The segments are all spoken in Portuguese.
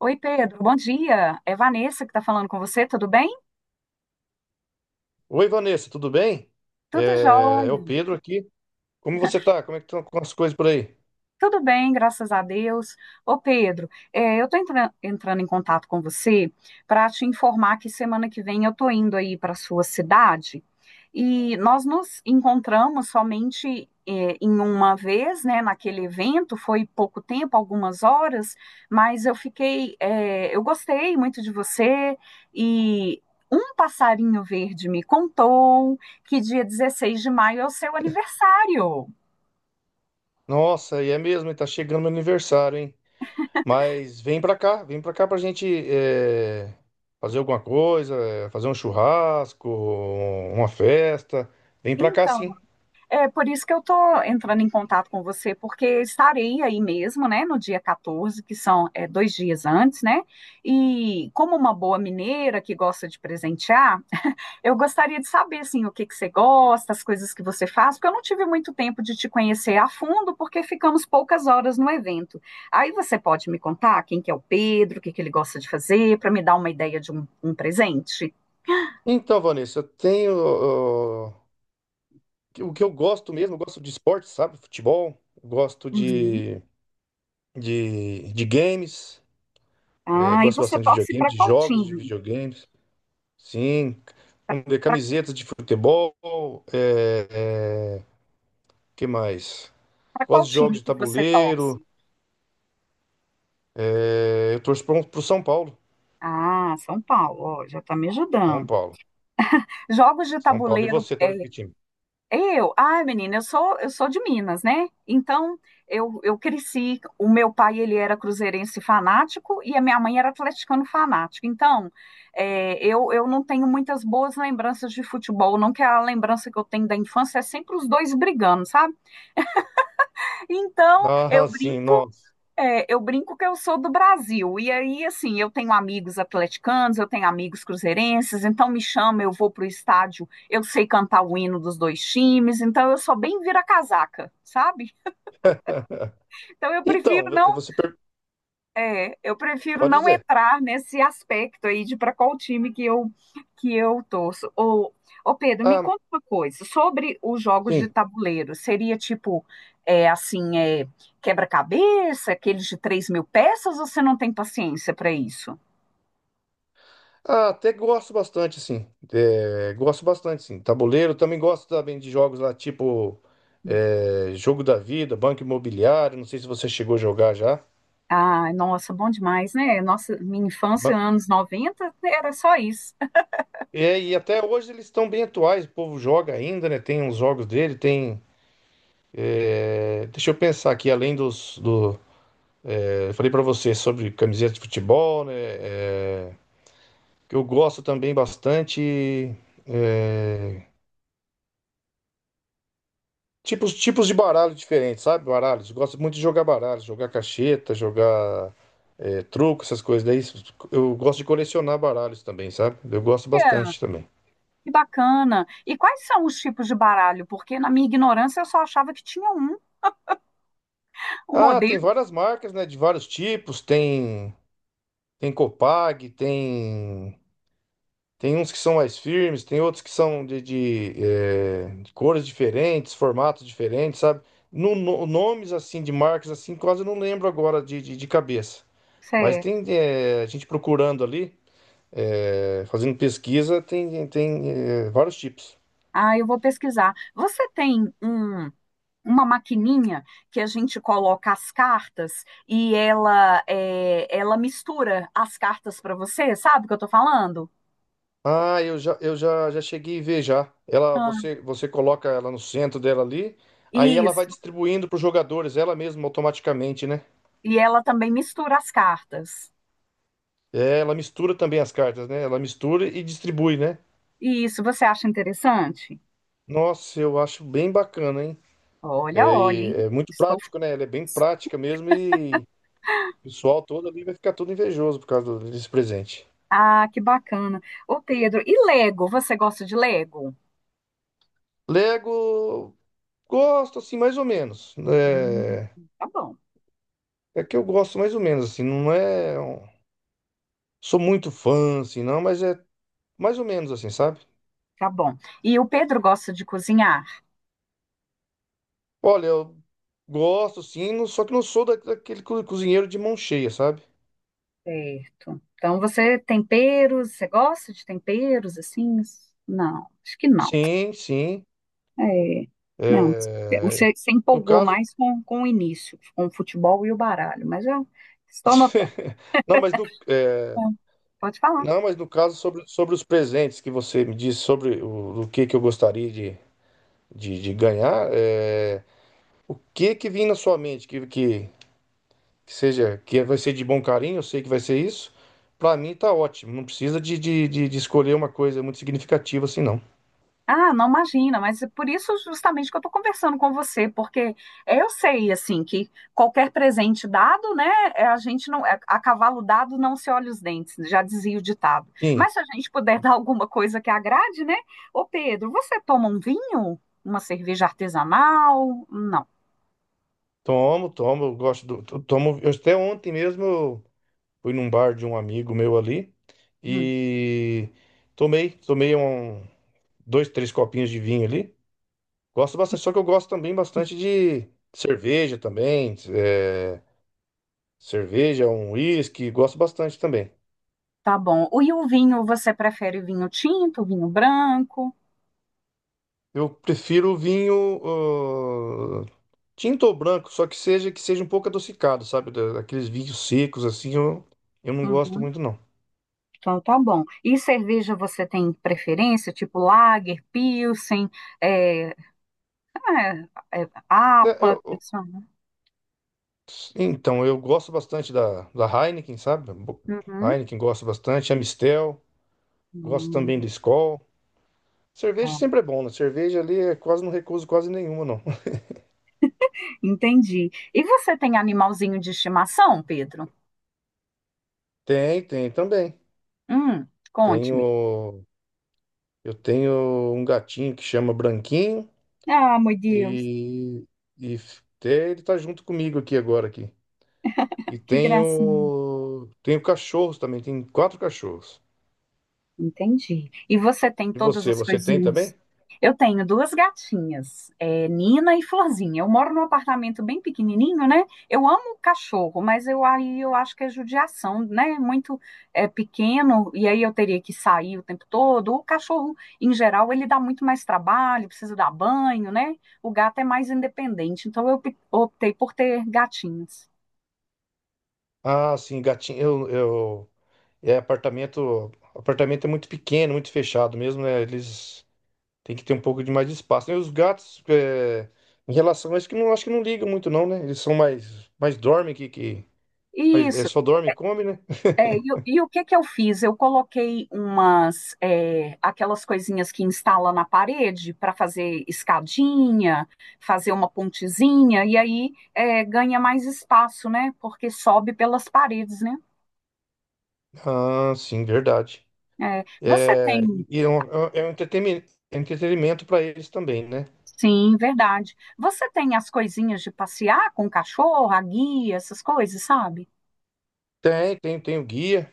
Oi, Pedro, bom dia. É Vanessa que está falando com você, tudo bem? Oi, Vanessa, tudo bem? Tudo É o jóia. Pedro aqui. Como você tá? Como é que estão as coisas por aí? Tudo bem, graças a Deus. Ô Pedro, eu estou entrando em contato com você para te informar que semana que vem eu estou indo aí para sua cidade e nós nos encontramos somente em uma vez, né? Naquele evento foi pouco tempo, algumas horas, mas eu fiquei, eu gostei muito de você e um passarinho verde me contou que dia 16 de maio é o seu aniversário. Nossa, e é mesmo, e tá chegando meu aniversário, hein? Mas vem pra cá pra gente é, fazer alguma coisa, é, fazer um churrasco, uma festa. Vem pra cá, Então, sim. é por isso que eu estou entrando em contato com você, porque estarei aí mesmo, né, no dia 14, que são dois dias antes, né? E como uma boa mineira que gosta de presentear, eu gostaria de saber, assim, o que que você gosta, as coisas que você faz, porque eu não tive muito tempo de te conhecer a fundo, porque ficamos poucas horas no evento. Aí você pode me contar quem que é o Pedro, o que que ele gosta de fazer, para me dar uma ideia de um presente? Então, Vanessa, eu tenho. Ó, o que eu gosto mesmo, eu gosto de esporte, sabe? Futebol, gosto Uhum. de, de, de games, Ah, e gosto você bastante de torce videogames, para de qual jogos de time? videogames. Sim, vamos ver, camisetas de futebol, é, é, que mais? Para Gosto qual de jogos time de que você tabuleiro, torce? Eu torço pro São Paulo, Ah, São Paulo, ó, já tá me São ajudando. Paulo, Jogos de São Paulo. E tabuleiro, você, torce é, que time? Ai, menina, eu sou de Minas, né? Então, eu cresci, o meu pai, ele era cruzeirense fanático e a minha mãe era atleticano fanático. Então, eu não tenho muitas boas lembranças de futebol, não que a lembrança que eu tenho da infância é sempre os dois brigando, sabe? Então, eu Ah, sim, brinco. nossa. É, eu brinco que eu sou do Brasil, e aí, assim, eu tenho amigos atleticanos, eu tenho amigos cruzeirenses, então me chama, eu vou pro estádio, eu sei cantar o hino dos dois times, então eu sou bem vira-casaca, sabe? Então eu Então, prefiro não, eu prefiro pode não dizer. entrar nesse aspecto aí de para qual time que eu torço. Ô Pedro, me Ah, conta uma coisa sobre os jogos de sim. tabuleiro. Seria tipo é, assim é, quebra-cabeça, aqueles de 3 mil peças? Ou você não tem paciência para isso? Ah, até gosto bastante, sim. É, gosto bastante, sim. Tabuleiro, também gosto também de jogos lá, tipo Jogo da Vida, Banco Imobiliário, não sei se você chegou a jogar já. Ah, nossa, bom demais, né? Nossa, minha infância, anos 90 era só isso. É, e até hoje eles estão bem atuais, o povo joga ainda, né? Tem uns jogos dele, tem. Deixa eu pensar aqui, além dos. Eu falei pra você sobre camiseta de futebol, né? Que eu gosto também bastante. é, tipos de baralho diferentes, sabe? Baralhos. Eu gosto muito de jogar baralho, jogar cacheta, jogar truco, essas coisas. Daí eu gosto de colecionar baralhos também, sabe? Eu gosto Olha, bastante também. que bacana. E quais são os tipos de baralho? Porque na minha ignorância eu só achava que tinha o Ah, tem modelo. várias marcas, né? De vários tipos, tem. Tem Copag, tem uns que são mais firmes, tem outros que são de cores diferentes, formatos diferentes, sabe? Nomes assim de marcas assim, quase eu não lembro agora de cabeça. Mas tem a gente procurando ali, fazendo pesquisa, tem vários tipos. Ah, eu vou pesquisar. Você tem um, uma maquininha que a gente coloca as cartas e ela, ela mistura as cartas para você, sabe o que eu tô falando? Ah, já cheguei a ver já. Ela, Ah, você coloca ela no centro dela ali, aí ela vai isso. distribuindo para os jogadores, ela mesma automaticamente, né? E ela também mistura as cartas. É, ela mistura também as cartas, né? Ela mistura e distribui, né? Isso, você acha interessante? Nossa, eu acho bem bacana, hein? Olha, É, olha, e hein? é muito Estou... prático, né? Ela é bem prática mesmo e o pessoal todo ali vai ficar todo invejoso por causa desse presente. Ah, que bacana. Ô, Pedro, e Lego? Você gosta de Lego? Lego, gosto assim, mais ou menos. Hum, É, tá bom, é que eu gosto mais ou menos, assim, não é. Sou muito fã, assim, não, mas é mais ou menos assim, sabe? tá bom. E o Pedro gosta de cozinhar? Olha, eu gosto, sim, só que não sou daquele cozinheiro de mão cheia, sabe? Certo. Então você é temperos, você gosta de temperos assim? Não, acho que não. Sim, sim. É, não, É, você se no empolgou caso, mais com o início, com o futebol e o baralho, mas já estou notando. Não, mas no, é, Pode falar. não, mas no caso sobre, sobre os presentes que você me disse sobre o que que eu gostaria de ganhar, é, o que que vem na sua mente que seja que vai ser de bom carinho, eu sei que vai ser isso. Pra mim tá ótimo, não precisa de escolher uma coisa muito significativa assim não. Ah, não imagina, mas é por isso justamente que eu estou conversando com você, porque eu sei assim que qualquer presente dado, né, a gente não é, a cavalo dado não se olha os dentes, já dizia o ditado. Sim, Mas se a gente puder dar alguma coisa que agrade, né? Ô Pedro, você toma um vinho? Uma cerveja artesanal? Não. tomo, tomo, eu gosto tomo. Eu, até ontem mesmo eu fui num bar de um amigo meu ali Hum, e tomei, tomei um dois, três copinhos de vinho ali. Gosto bastante, só que eu gosto também bastante de cerveja também. Cerveja, um uísque, gosto bastante também. tá bom. E o vinho, você prefere vinho tinto, vinho branco? Eu prefiro vinho tinto ou branco, só que seja um pouco adocicado, sabe? Daqueles vinhos secos assim, eu não gosto Uhum, muito não. então tá bom. E cerveja você tem preferência, tipo lager, pilsen? é, É, é Né, apa, funciona. então, eu gosto bastante da Heineken, sabe? Uhum. Heineken gosto bastante, Amstel, gosto também do Hum, Skol. Cerveja tá. sempre é bom, né? Cerveja ali, é quase não recuso quase nenhuma, não. Entendi. E você tem animalzinho de estimação, Pedro? Tem, tem também. Hum, conte-me. Tenho, eu tenho um gatinho que chama Branquinho Ah, meu Deus, e, até ele tá junto comigo aqui agora aqui. E que gracinha. tenho, tenho cachorros também, tenho quatro cachorros. Entendi. E você tem E todas você, as você tem coisinhas? também? Eu tenho duas gatinhas, é, Nina e Florzinha. Eu moro num apartamento bem pequenininho, né? Eu amo cachorro, mas eu aí eu acho que é judiação, né? Muito pequeno e aí eu teria que sair o tempo todo. O cachorro, em geral, ele dá muito mais trabalho, precisa dar banho, né? O gato é mais independente, então eu optei por ter gatinhos. Ah, sim, gatinho, eu é apartamento, apartamento é muito pequeno, muito fechado mesmo, né? Eles têm que ter um pouco de mais de espaço, né? E os gatos, é, em relação a isso, que não acho que não ligam muito não, né? Eles são mais dormem que mas é Isso, só dorme e come, né? é, e o que que eu fiz? Eu coloquei umas, aquelas coisinhas que instala na parede para fazer escadinha, fazer uma pontezinha, e aí ganha mais espaço, né? Porque sobe pelas paredes, né? Ah, sim, verdade. É, você É, tem, e é um, é um entretenimento para eles também, né? sim, verdade. Você tem as coisinhas de passear com o cachorro, a guia, essas coisas, sabe? Tem, tem, tem o guia.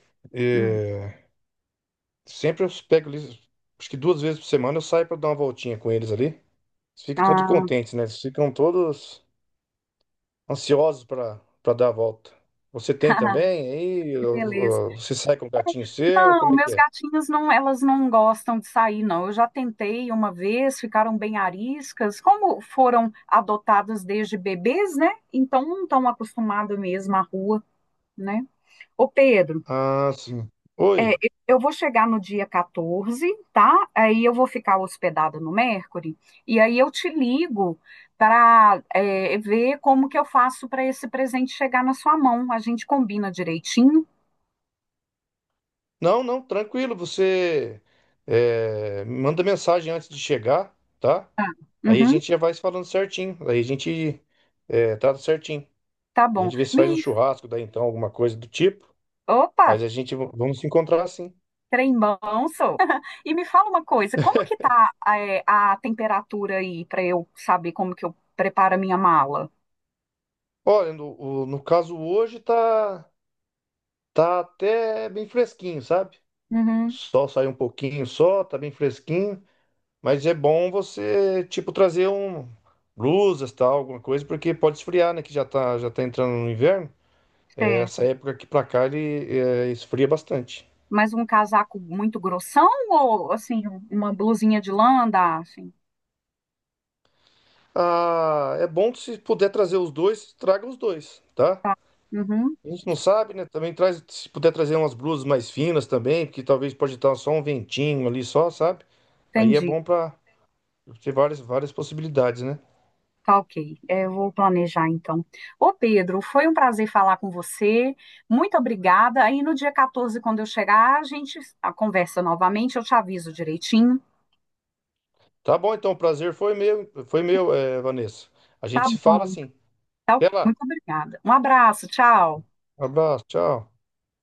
Hum. é, sempre eu pego eles, acho que duas vezes por semana eu saio para dar uma voltinha com eles ali. Eles ficam todos Ah, contentes, né? Eles ficam todos ansiosos para dar a volta. Você tem também? Aí que beleza. ó, ó, você sai com o gatinho seu? Não, Como é que meus é? gatinhos não, elas não gostam de sair, não. Eu já tentei uma vez, ficaram bem ariscas. Como foram adotados desde bebês, né? Então não estão acostumados mesmo à rua, né? Ô Pedro, Ah, sim. Oi. eu vou chegar no dia 14, tá? Aí eu vou ficar hospedada no Mercury e aí eu te ligo para ver como que eu faço para esse presente chegar na sua mão. A gente combina direitinho. Não, não, tranquilo. Você me manda mensagem antes de chegar, tá? Tá. Aí a Uhum, gente já vai se falando certinho. Aí a gente trata certinho. tá A bom. gente vê se Me... faz um churrasco, daí então, alguma coisa do tipo. Opa! Mas a gente vamos se encontrar assim. Trembão sou. E me fala uma coisa, como que tá a temperatura aí para eu saber como que eu preparo a minha mala? Olha, no caso hoje tá, tá até bem fresquinho, sabe? Uhum. Sol saiu um pouquinho só, tá bem fresquinho. Mas é bom você, tipo, trazer um blusas, tal, alguma coisa, porque pode esfriar, né? Que já tá entrando no inverno. É, Você, essa época aqui pra cá ele esfria bastante. mais um casaco muito grossão ou assim uma blusinha de lã dá, assim? Ah, é bom que se puder trazer os dois, traga os dois, tá? Tá. Uhum, A gente não sabe, né? Também traz, se puder trazer umas blusas mais finas também, porque talvez pode estar só um ventinho ali só, sabe? Aí é entendi. bom pra ter várias, várias possibilidades, né? Tá ok. É, eu vou planejar então. Ô Pedro, foi um prazer falar com você. Muito obrigada. Aí no dia 14, quando eu chegar, a gente a conversa novamente. Eu te aviso direitinho. Tá bom, então, o prazer foi meu, é, Vanessa. A gente Tá se fala bom. assim. Tá ok, Até lá. muito obrigada. Um abraço, tchau. Um abraço, tchau.